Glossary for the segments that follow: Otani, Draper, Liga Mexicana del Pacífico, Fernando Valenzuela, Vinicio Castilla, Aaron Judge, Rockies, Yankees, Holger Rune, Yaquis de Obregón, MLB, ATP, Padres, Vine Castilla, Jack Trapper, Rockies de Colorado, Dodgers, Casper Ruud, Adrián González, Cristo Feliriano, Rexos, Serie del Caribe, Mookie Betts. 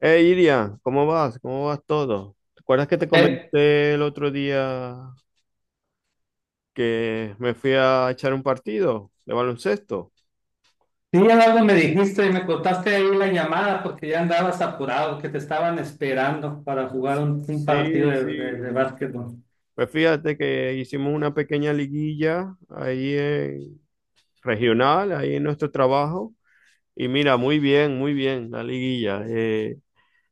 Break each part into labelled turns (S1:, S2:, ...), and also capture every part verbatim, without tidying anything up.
S1: Eh Iria, ¿cómo vas? ¿Cómo vas todo? ¿Te acuerdas que te
S2: Eh,
S1: comenté el otro día que me fui a echar un partido de baloncesto?
S2: sí, algo me dijiste y me cortaste ahí la llamada porque ya andabas apurado, que te estaban esperando para jugar un, un partido
S1: Sí,
S2: de, de, de
S1: sí.
S2: básquetbol.
S1: Pues fíjate que hicimos una pequeña liguilla ahí en regional, ahí en nuestro trabajo. Y mira, muy bien, muy bien la liguilla. Eh,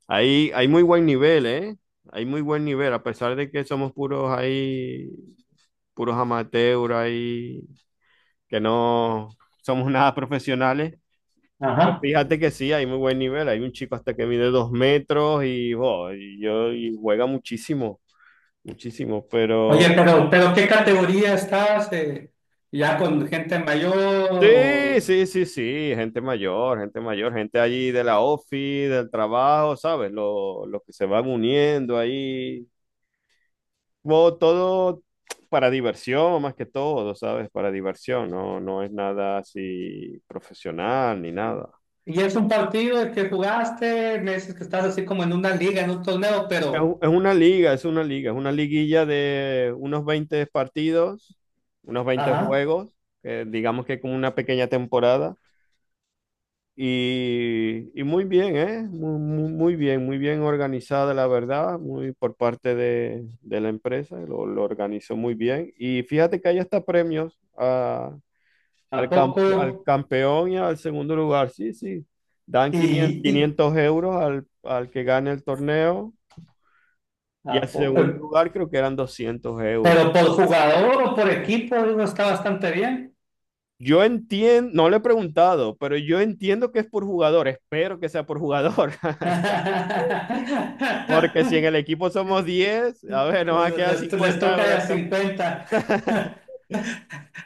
S1: ahí hay muy buen nivel, ¿eh? Hay muy buen nivel, a pesar de que somos puros ahí, puros amateurs ahí que no somos nada profesionales, pero
S2: Ajá.
S1: fíjate que sí, hay muy buen nivel. Hay un chico hasta que mide dos metros y, jo, y yo, y juega muchísimo, muchísimo, pero
S2: Oye, pero, pero ¿qué categoría estás, eh? ¿Ya con gente mayor?
S1: sí,
S2: O...
S1: sí, sí, sí, gente mayor, gente mayor, gente allí de la ofi del trabajo, ¿sabes? Lo- Los que se van uniendo ahí, jo, todo para diversión más que todo, ¿sabes? Para diversión, no, no es nada así profesional ni
S2: ¿Y
S1: nada.
S2: y es un partido que jugaste? Me dices que estás así como en una liga, en un torneo,
S1: Es
S2: pero...
S1: u- es una liga, es una liga, es una liguilla de unos veinte partidos, unos veinte
S2: Ajá.
S1: juegos, que digamos que como una pequeña temporada. Y, y muy bien, ¿eh? Muy, muy- muy bien, muy bien organizada, la verdad, muy por parte de, de la empresa, lo, lo organizó muy bien. Y fíjate que hay hasta premios a-
S2: ¿A
S1: al, cam- al
S2: poco?
S1: campeón y al segundo lugar, sí, sí. Dan quinientos
S2: ¿Y, y
S1: quinientos euros al, al que gane el torneo y al
S2: a poco,
S1: segundo
S2: eh?
S1: lugar creo que eran doscientos euros.
S2: ¿Pero por jugador o por equipo? Digo, está bastante bien.
S1: Yo entiendo, no le he preguntado, pero yo entiendo que es por jugador, espero que sea por jugador, porque si en el equipo somos diez a ver, nos va a
S2: Bueno,
S1: quedar
S2: Les, les
S1: cincuenta
S2: toca
S1: euros
S2: de
S1: acá.
S2: cincuenta.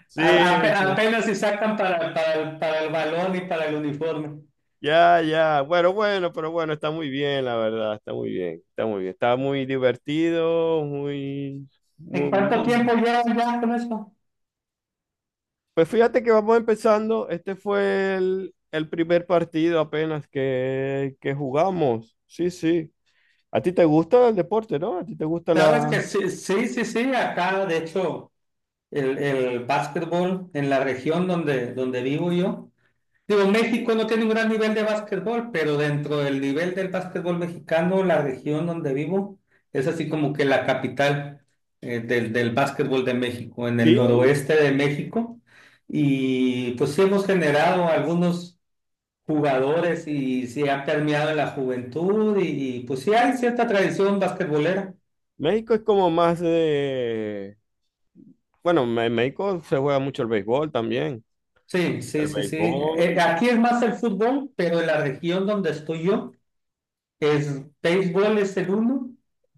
S1: Sí,
S2: A- ape-
S1: sí,
S2: apenas si sacan para, para, el- para el balón y para el uniforme.
S1: ya, ya, bueno, bueno, pero bueno, está muy bien, la verdad, está muy bien, está muy bien, está muy divertido, muy,
S2: ¿En
S1: muy,
S2: cuánto tiempo
S1: muy...
S2: llevan ya con eso?
S1: Pues fíjate que vamos empezando, este fue el, el primer partido apenas que, que jugamos, sí, sí. ¿A ti te gusta el deporte, no? ¿A ti te gusta la...?
S2: Sabes que sí, sí, sí, sí, acá de hecho el, el básquetbol en la región donde, donde vivo yo. Digo, México no tiene un gran nivel de básquetbol, pero dentro del nivel del básquetbol mexicano, la región donde vivo es así como que la capital eh, del, del básquetbol de México, en el
S1: Sí,
S2: noroeste de México. Y pues sí hemos generado algunos jugadores y se ha permeado en la juventud y, y, pues sí hay cierta tradición basquetbolera.
S1: México es como más de... Bueno, en México se juega mucho el béisbol también.
S2: Sí, sí,
S1: El
S2: sí, sí. Eh,
S1: béisbol.
S2: aquí es más el fútbol, pero en la región donde estoy yo. Es, Béisbol es el uno,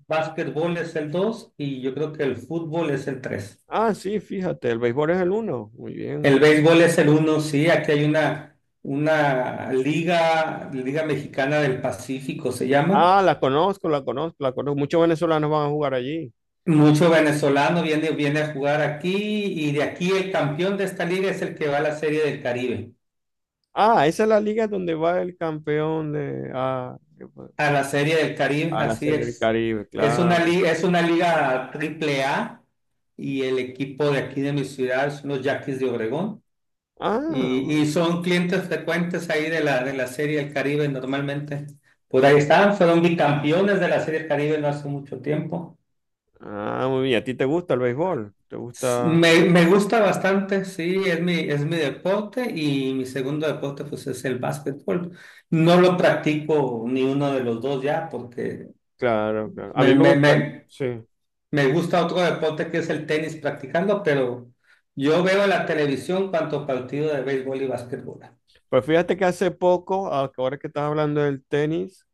S2: básquetbol es el dos y yo creo que el fútbol es el tres.
S1: Ah, sí, fíjate, el béisbol es el uno. Muy
S2: El
S1: bien.
S2: béisbol es el uno, sí, aquí hay una, una liga, Liga Mexicana del Pacífico se llama.
S1: Ah, la conozco, la conozco, la conozco. Muchos venezolanos van a jugar allí.
S2: Mucho venezolano viene, viene a jugar aquí y de aquí el campeón de esta liga es el que va a la Serie del Caribe.
S1: Ah, esa es la liga donde va el campeón de... Ah, qué bueno.
S2: A la Serie del Caribe,
S1: A la
S2: así
S1: Serie del
S2: es.
S1: Caribe,
S2: Es una,
S1: claro.
S2: li- es una liga triple A y el equipo de aquí de mi ciudad son los Yaquis de Obregón.
S1: Ah,
S2: Y, y
S1: bueno.
S2: son clientes frecuentes ahí de la, de la Serie del Caribe normalmente. Por ahí están, fueron bicampeones de la Serie del Caribe no hace mucho tiempo.
S1: Ah, muy bien. ¿A ti te gusta el béisbol? ¿Te gusta?
S2: Me, me gusta bastante, sí, es mi, es mi deporte y mi segundo deporte pues es el básquetbol. No lo practico ni uno de los dos ya porque
S1: Claro, claro. A mí
S2: me,
S1: me
S2: me,
S1: gusta,
S2: me,
S1: sí.
S2: me gusta otro deporte que es el tenis practicando, pero yo veo en la televisión cuanto partido de béisbol y básquetbol.
S1: Pues fíjate que hace poco, ahora que estás hablando del tenis,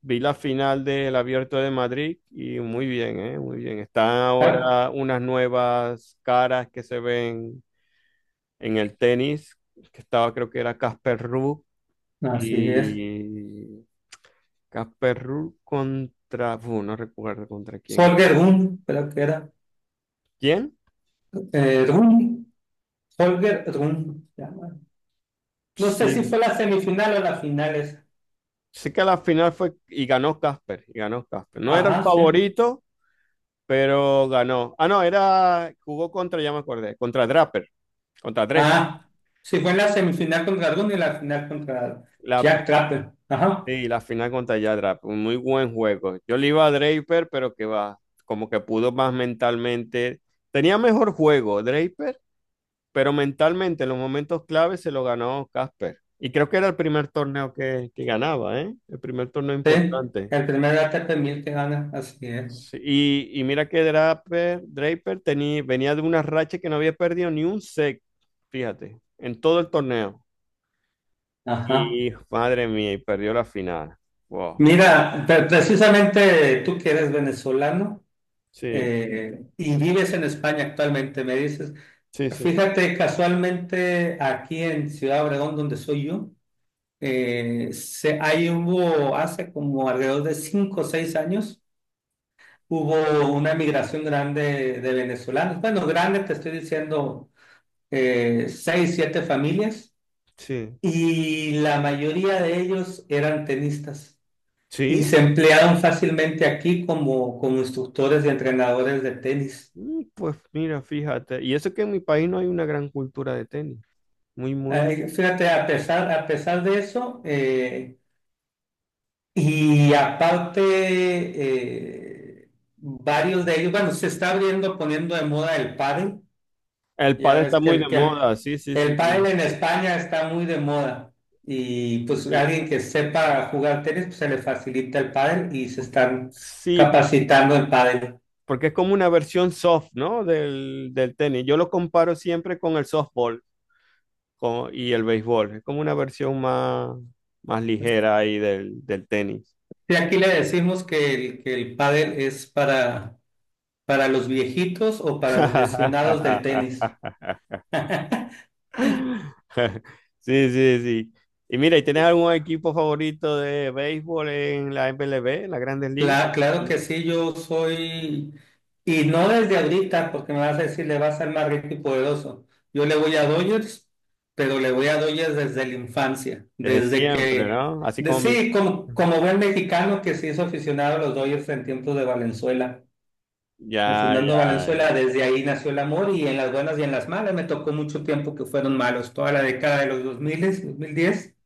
S1: vi la final del Abierto de Madrid y muy bien, ¿eh? Muy bien. Están
S2: Ah,
S1: ahora unas nuevas caras que se ven en el tenis, que estaba creo que era Casper Ruud
S2: así es.
S1: y Casper Ruud contra, uf, no recuerdo contra quién es.
S2: Holger Rune, creo que era.
S1: ¿Quién?
S2: Eh, Rune, Holger Rune. No sé si
S1: Sí.
S2: fue la semifinal o la final esa.
S1: Sí que la final fue y ganó Casper, y ganó Casper. No era el
S2: Ajá, sí.
S1: favorito, pero ganó. Ah, no, era, jugó contra, ya me acordé, contra Draper, contra Draper.
S2: Ah, sí fue en la semifinal contra Rune y la final contra
S1: La,
S2: Jack Trapper. Ajá,
S1: sí, la final contra ya Draper, un muy buen juego. Yo le iba a Draper, pero que va, como que pudo más mentalmente. Tenía mejor juego Draper, pero mentalmente en los momentos claves se lo ganó Casper. Y creo que era el primer torneo que, que ganaba, ¿eh? El primer torneo
S2: sí.
S1: importante.
S2: El primer A T P mil que gana, así es.
S1: Sí, y, y mira que Draper, Draper tenía, venía de una racha que no había perdido ni un set, fíjate, en todo el torneo.
S2: Ajá.
S1: Y madre mía, y perdió la final. Wow.
S2: Mira, pre- precisamente tú que eres venezolano
S1: Sí,
S2: eh, y vives en España actualmente, me dices,
S1: sí, sí.
S2: fíjate, casualmente aquí en Ciudad Obregón, donde soy yo. Eh, se, ahí hubo, hace como alrededor de cinco o seis años, hubo una migración grande de venezolanos. Bueno, grande, te estoy diciendo, eh, seis, siete familias,
S1: Sí.
S2: y la mayoría de ellos eran tenistas y
S1: Sí.
S2: se emplearon fácilmente aquí como, como instructores y entrenadores de tenis.
S1: Mm, pues mira, fíjate. Y eso que en mi país no hay una gran cultura de tenis. Muy, muy.
S2: Eh, fíjate, a pesar, a pesar de eso, eh, y aparte, eh, varios de ellos, bueno, se está abriendo, poniendo de moda el pádel.
S1: El
S2: Ya
S1: pádel
S2: ves
S1: está
S2: que
S1: muy
S2: el,
S1: de
S2: que el,
S1: moda, sí, sí,
S2: el
S1: sí,
S2: pádel
S1: sí.
S2: en España está muy de moda. Y pues
S1: Y,
S2: alguien que sepa jugar tenis, pues se le facilita el pádel y se están
S1: sí, por-
S2: capacitando en pádel.
S1: porque es como una versión soft, ¿no? Del, del tenis. Yo lo comparo siempre con el softball. Como- y el béisbol. Es como una versión más, más ligera ahí del, del tenis.
S2: Y aquí le decimos que el, que el pádel es para, para los viejitos o para los lesionados del tenis.
S1: Sí, sí, sí. Y mira, ¿y tienes algún equipo favorito de béisbol en la M L B, en las Grandes Ligas?
S2: Cla- claro que sí, yo soy, y no desde ahorita, porque me vas a decir, le vas a ser más rico y poderoso. Yo le voy a Dodgers, pero le voy a Dodgers desde la infancia,
S1: Desde
S2: desde
S1: siempre,
S2: que,
S1: ¿no? Así
S2: de-
S1: como mi...
S2: sí, como, como buen mexicano que se hizo aficionado a los Dodgers en tiempos de Valenzuela, en
S1: Ya,
S2: Fernando
S1: ya,
S2: Valenzuela,
S1: ya.
S2: desde ahí nació el amor y en las buenas y en las malas, me tocó mucho tiempo que fueron malos, toda la década de los dos dos mil dos mil diez,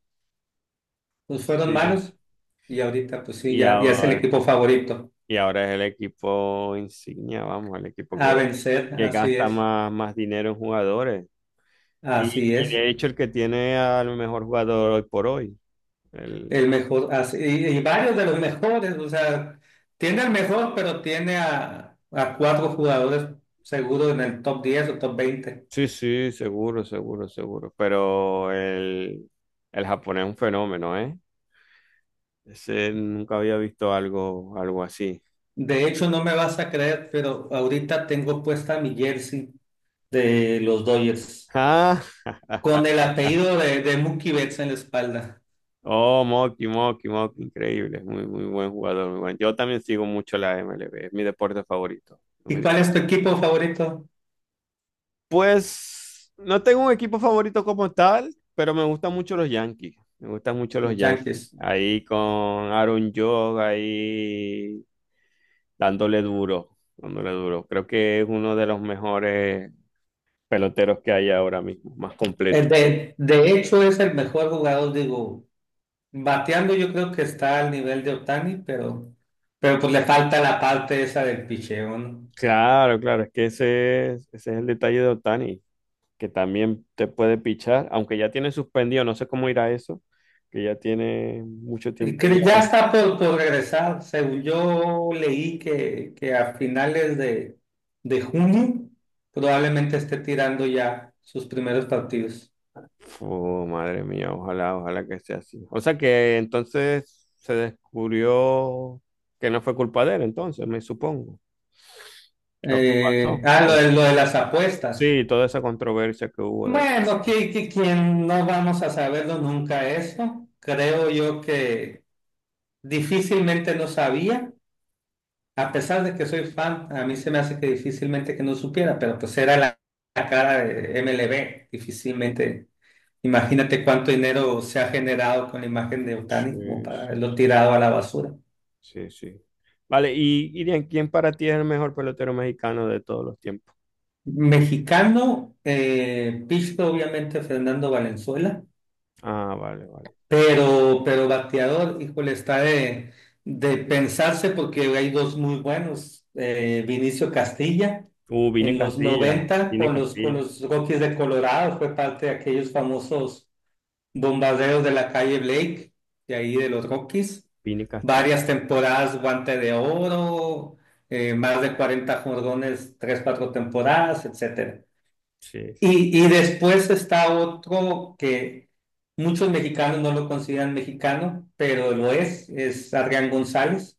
S2: pues fueron
S1: Sí.
S2: malos y ahorita pues sí,
S1: Y
S2: ya, ya es el
S1: ahora,
S2: equipo favorito.
S1: y ahora es el equipo insignia, vamos, el equipo
S2: A
S1: que,
S2: vencer,
S1: que
S2: así
S1: gasta
S2: es,
S1: más, más dinero en jugadores. Y,
S2: así
S1: y
S2: es.
S1: de hecho el que tiene al mejor jugador hoy por hoy. El,
S2: El mejor, así, y, y varios de los mejores, o sea, tiene el mejor, pero tiene a, a cuatro jugadores seguro en el top diez o top veinte.
S1: sí, sí, seguro, seguro, seguro. Pero el, el japonés es un fenómeno, ¿eh? Ese nunca había visto algo, algo así.
S2: De hecho, no me vas a creer, pero ahorita tengo puesta mi jersey de los Dodgers
S1: Ah,
S2: con el apellido de, de Mookie Betts en la espalda.
S1: oh, Moki, Moki, Moki, increíble. Muy, muy buen jugador, muy buen. Yo también sigo mucho la M L B, es mi deporte favorito.
S2: ¿Y cuál es tu equipo favorito?
S1: Pues no tengo un equipo favorito como tal, pero me gustan mucho los Yankees. Me gustan mucho los
S2: Los
S1: Yankees.
S2: Yankees.
S1: Ahí con Aaron Judge, ahí dándole duro, dándole duro. Creo que es uno de los mejores peloteros que hay ahora mismo, más
S2: Eh,
S1: completo.
S2: De, de hecho, es el mejor jugador, digo. Bateando yo creo que está al nivel de Otani, pero, pero pues le falta la parte esa del picheo, ¿no?
S1: Claro, claro, es que ese es, ese es el detalle de Otani, que también te puede pichar, aunque ya tiene suspendido, no sé cómo irá eso, que ya tiene mucho
S2: Y
S1: tiempo.
S2: que ya está por, por regresar. Según yo leí que, que a finales de, de junio probablemente esté tirando ya sus primeros partidos.
S1: Oh, madre mía, ojalá, ojalá que sea así. O sea que entonces se descubrió que no fue culpa de él, entonces, me supongo, lo que
S2: Eh,
S1: pasó.
S2: ah, lo de, lo de las apuestas.
S1: Sí, toda esa controversia que hubo de la...
S2: Bueno, que, que quien no vamos a saberlo nunca eso. Creo yo que difícilmente no sabía. A pesar de que soy fan, a mí se me hace que difícilmente que no supiera, pero pues era la, la cara de M L B, difícilmente. Imagínate cuánto dinero se ha generado con la imagen de Otani como
S1: Sí,
S2: para
S1: sí,
S2: haberlo
S1: sí,
S2: tirado a la basura.
S1: sí, sí. Vale, y Irian, ¿quién para ti es el mejor pelotero mexicano de todos los tiempos?
S2: Mexicano, eh, pitcher, obviamente Fernando Valenzuela.
S1: Ah, vale, vale.
S2: Pero, pero bateador, híjole, está de, de pensarse porque hay dos muy buenos. eh, Vinicio Castilla,
S1: Uh, Vine
S2: en los
S1: Castilla,
S2: noventa
S1: Vine
S2: con los, con
S1: Castilla,
S2: los Rockies de Colorado, fue parte de aquellos famosos bombarderos de la calle Blake, de ahí de los Rockies.
S1: Vine Castilla.
S2: Varias temporadas, guante de oro, eh, más de cuarenta jordones, tres cuatro temporadas, etcétera.
S1: Sí, sí.
S2: Y, y después está otro que muchos mexicanos no lo consideran mexicano, pero lo es, es Adrián González,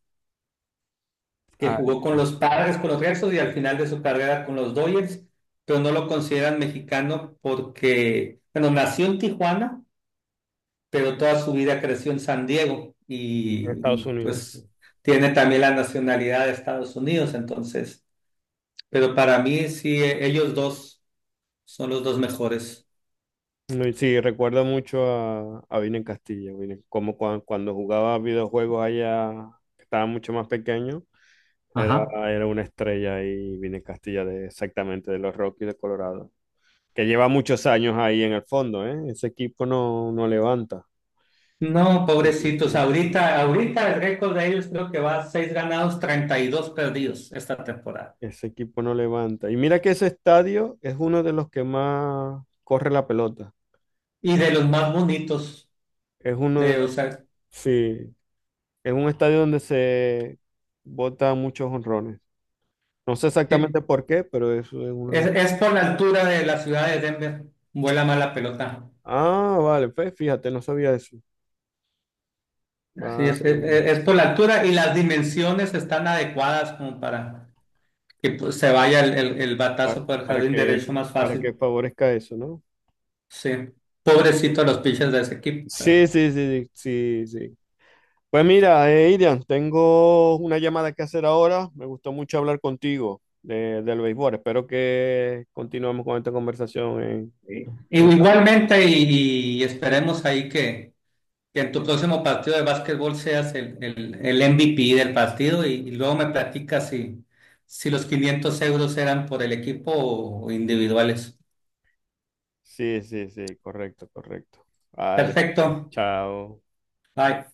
S2: que
S1: Ah,
S2: jugó con los Padres, con los Rexos y al final de su carrera con los Dodgers, pero no lo consideran mexicano porque, bueno, nació en Tijuana, pero toda su vida creció en San Diego
S1: de
S2: y,
S1: Estados
S2: y,
S1: Unidos, sí.
S2: pues tiene también la nacionalidad de Estados Unidos, entonces, pero para mí sí, eh, ellos dos son los dos mejores.
S1: No, y sí, recuerda mucho a, a Vine en Castilla, Vine- como cua- cuando jugaba videojuegos allá, que estaba mucho más pequeño, era,
S2: Ajá.
S1: era una estrella ahí, Vine en Castilla, de, exactamente, de los Rockies de Colorado, que lleva muchos años ahí en el fondo, ¿eh? Ese equipo no, no levanta,
S2: No,
S1: ese equipo
S2: pobrecitos,
S1: no,
S2: ahorita, ahorita el récord de ellos creo que va a seis ganados, treinta y dos perdidos esta temporada.
S1: ese equipo no levanta. Y mira que ese estadio es uno de los que más corre la pelota,
S2: Y de los más bonitos
S1: es uno de
S2: de
S1: los,
S2: usar.
S1: sí, es un estadio donde se bota muchos honrones. No sé exactamente
S2: Sí,
S1: por qué, pero eso es
S2: es,
S1: una...
S2: es por la altura de la ciudad de Denver. Vuela más la pelota.
S1: Ah, vale, pues fíjate, no sabía eso.
S2: Así es, es,
S1: Vale,
S2: es por la altura y las dimensiones están adecuadas como para que pues, se vaya el, el, el
S1: pa-
S2: batazo por el
S1: para
S2: jardín
S1: que,
S2: derecho más
S1: para que
S2: fácil.
S1: favorezca eso, ¿no?
S2: Sí, pobrecito los pitchers de ese equipo,
S1: Sí,
S2: pero.
S1: sí, sí, sí, sí. Pues mira, eh, Irian, tengo una llamada que hacer ahora. Me gustó mucho hablar contigo de, del béisbol. Espero que continuemos con esta conversación en...
S2: Sí. Y...
S1: en-
S2: Igualmente, y, y esperemos ahí que, que en tu próximo partido de básquetbol seas el, el, el M V P del partido y, y luego me platicas si, si los quinientos euros eran por el equipo o individuales.
S1: Sí, sí, sí, correcto, correcto. Vale,
S2: Perfecto.
S1: chao.
S2: Bye.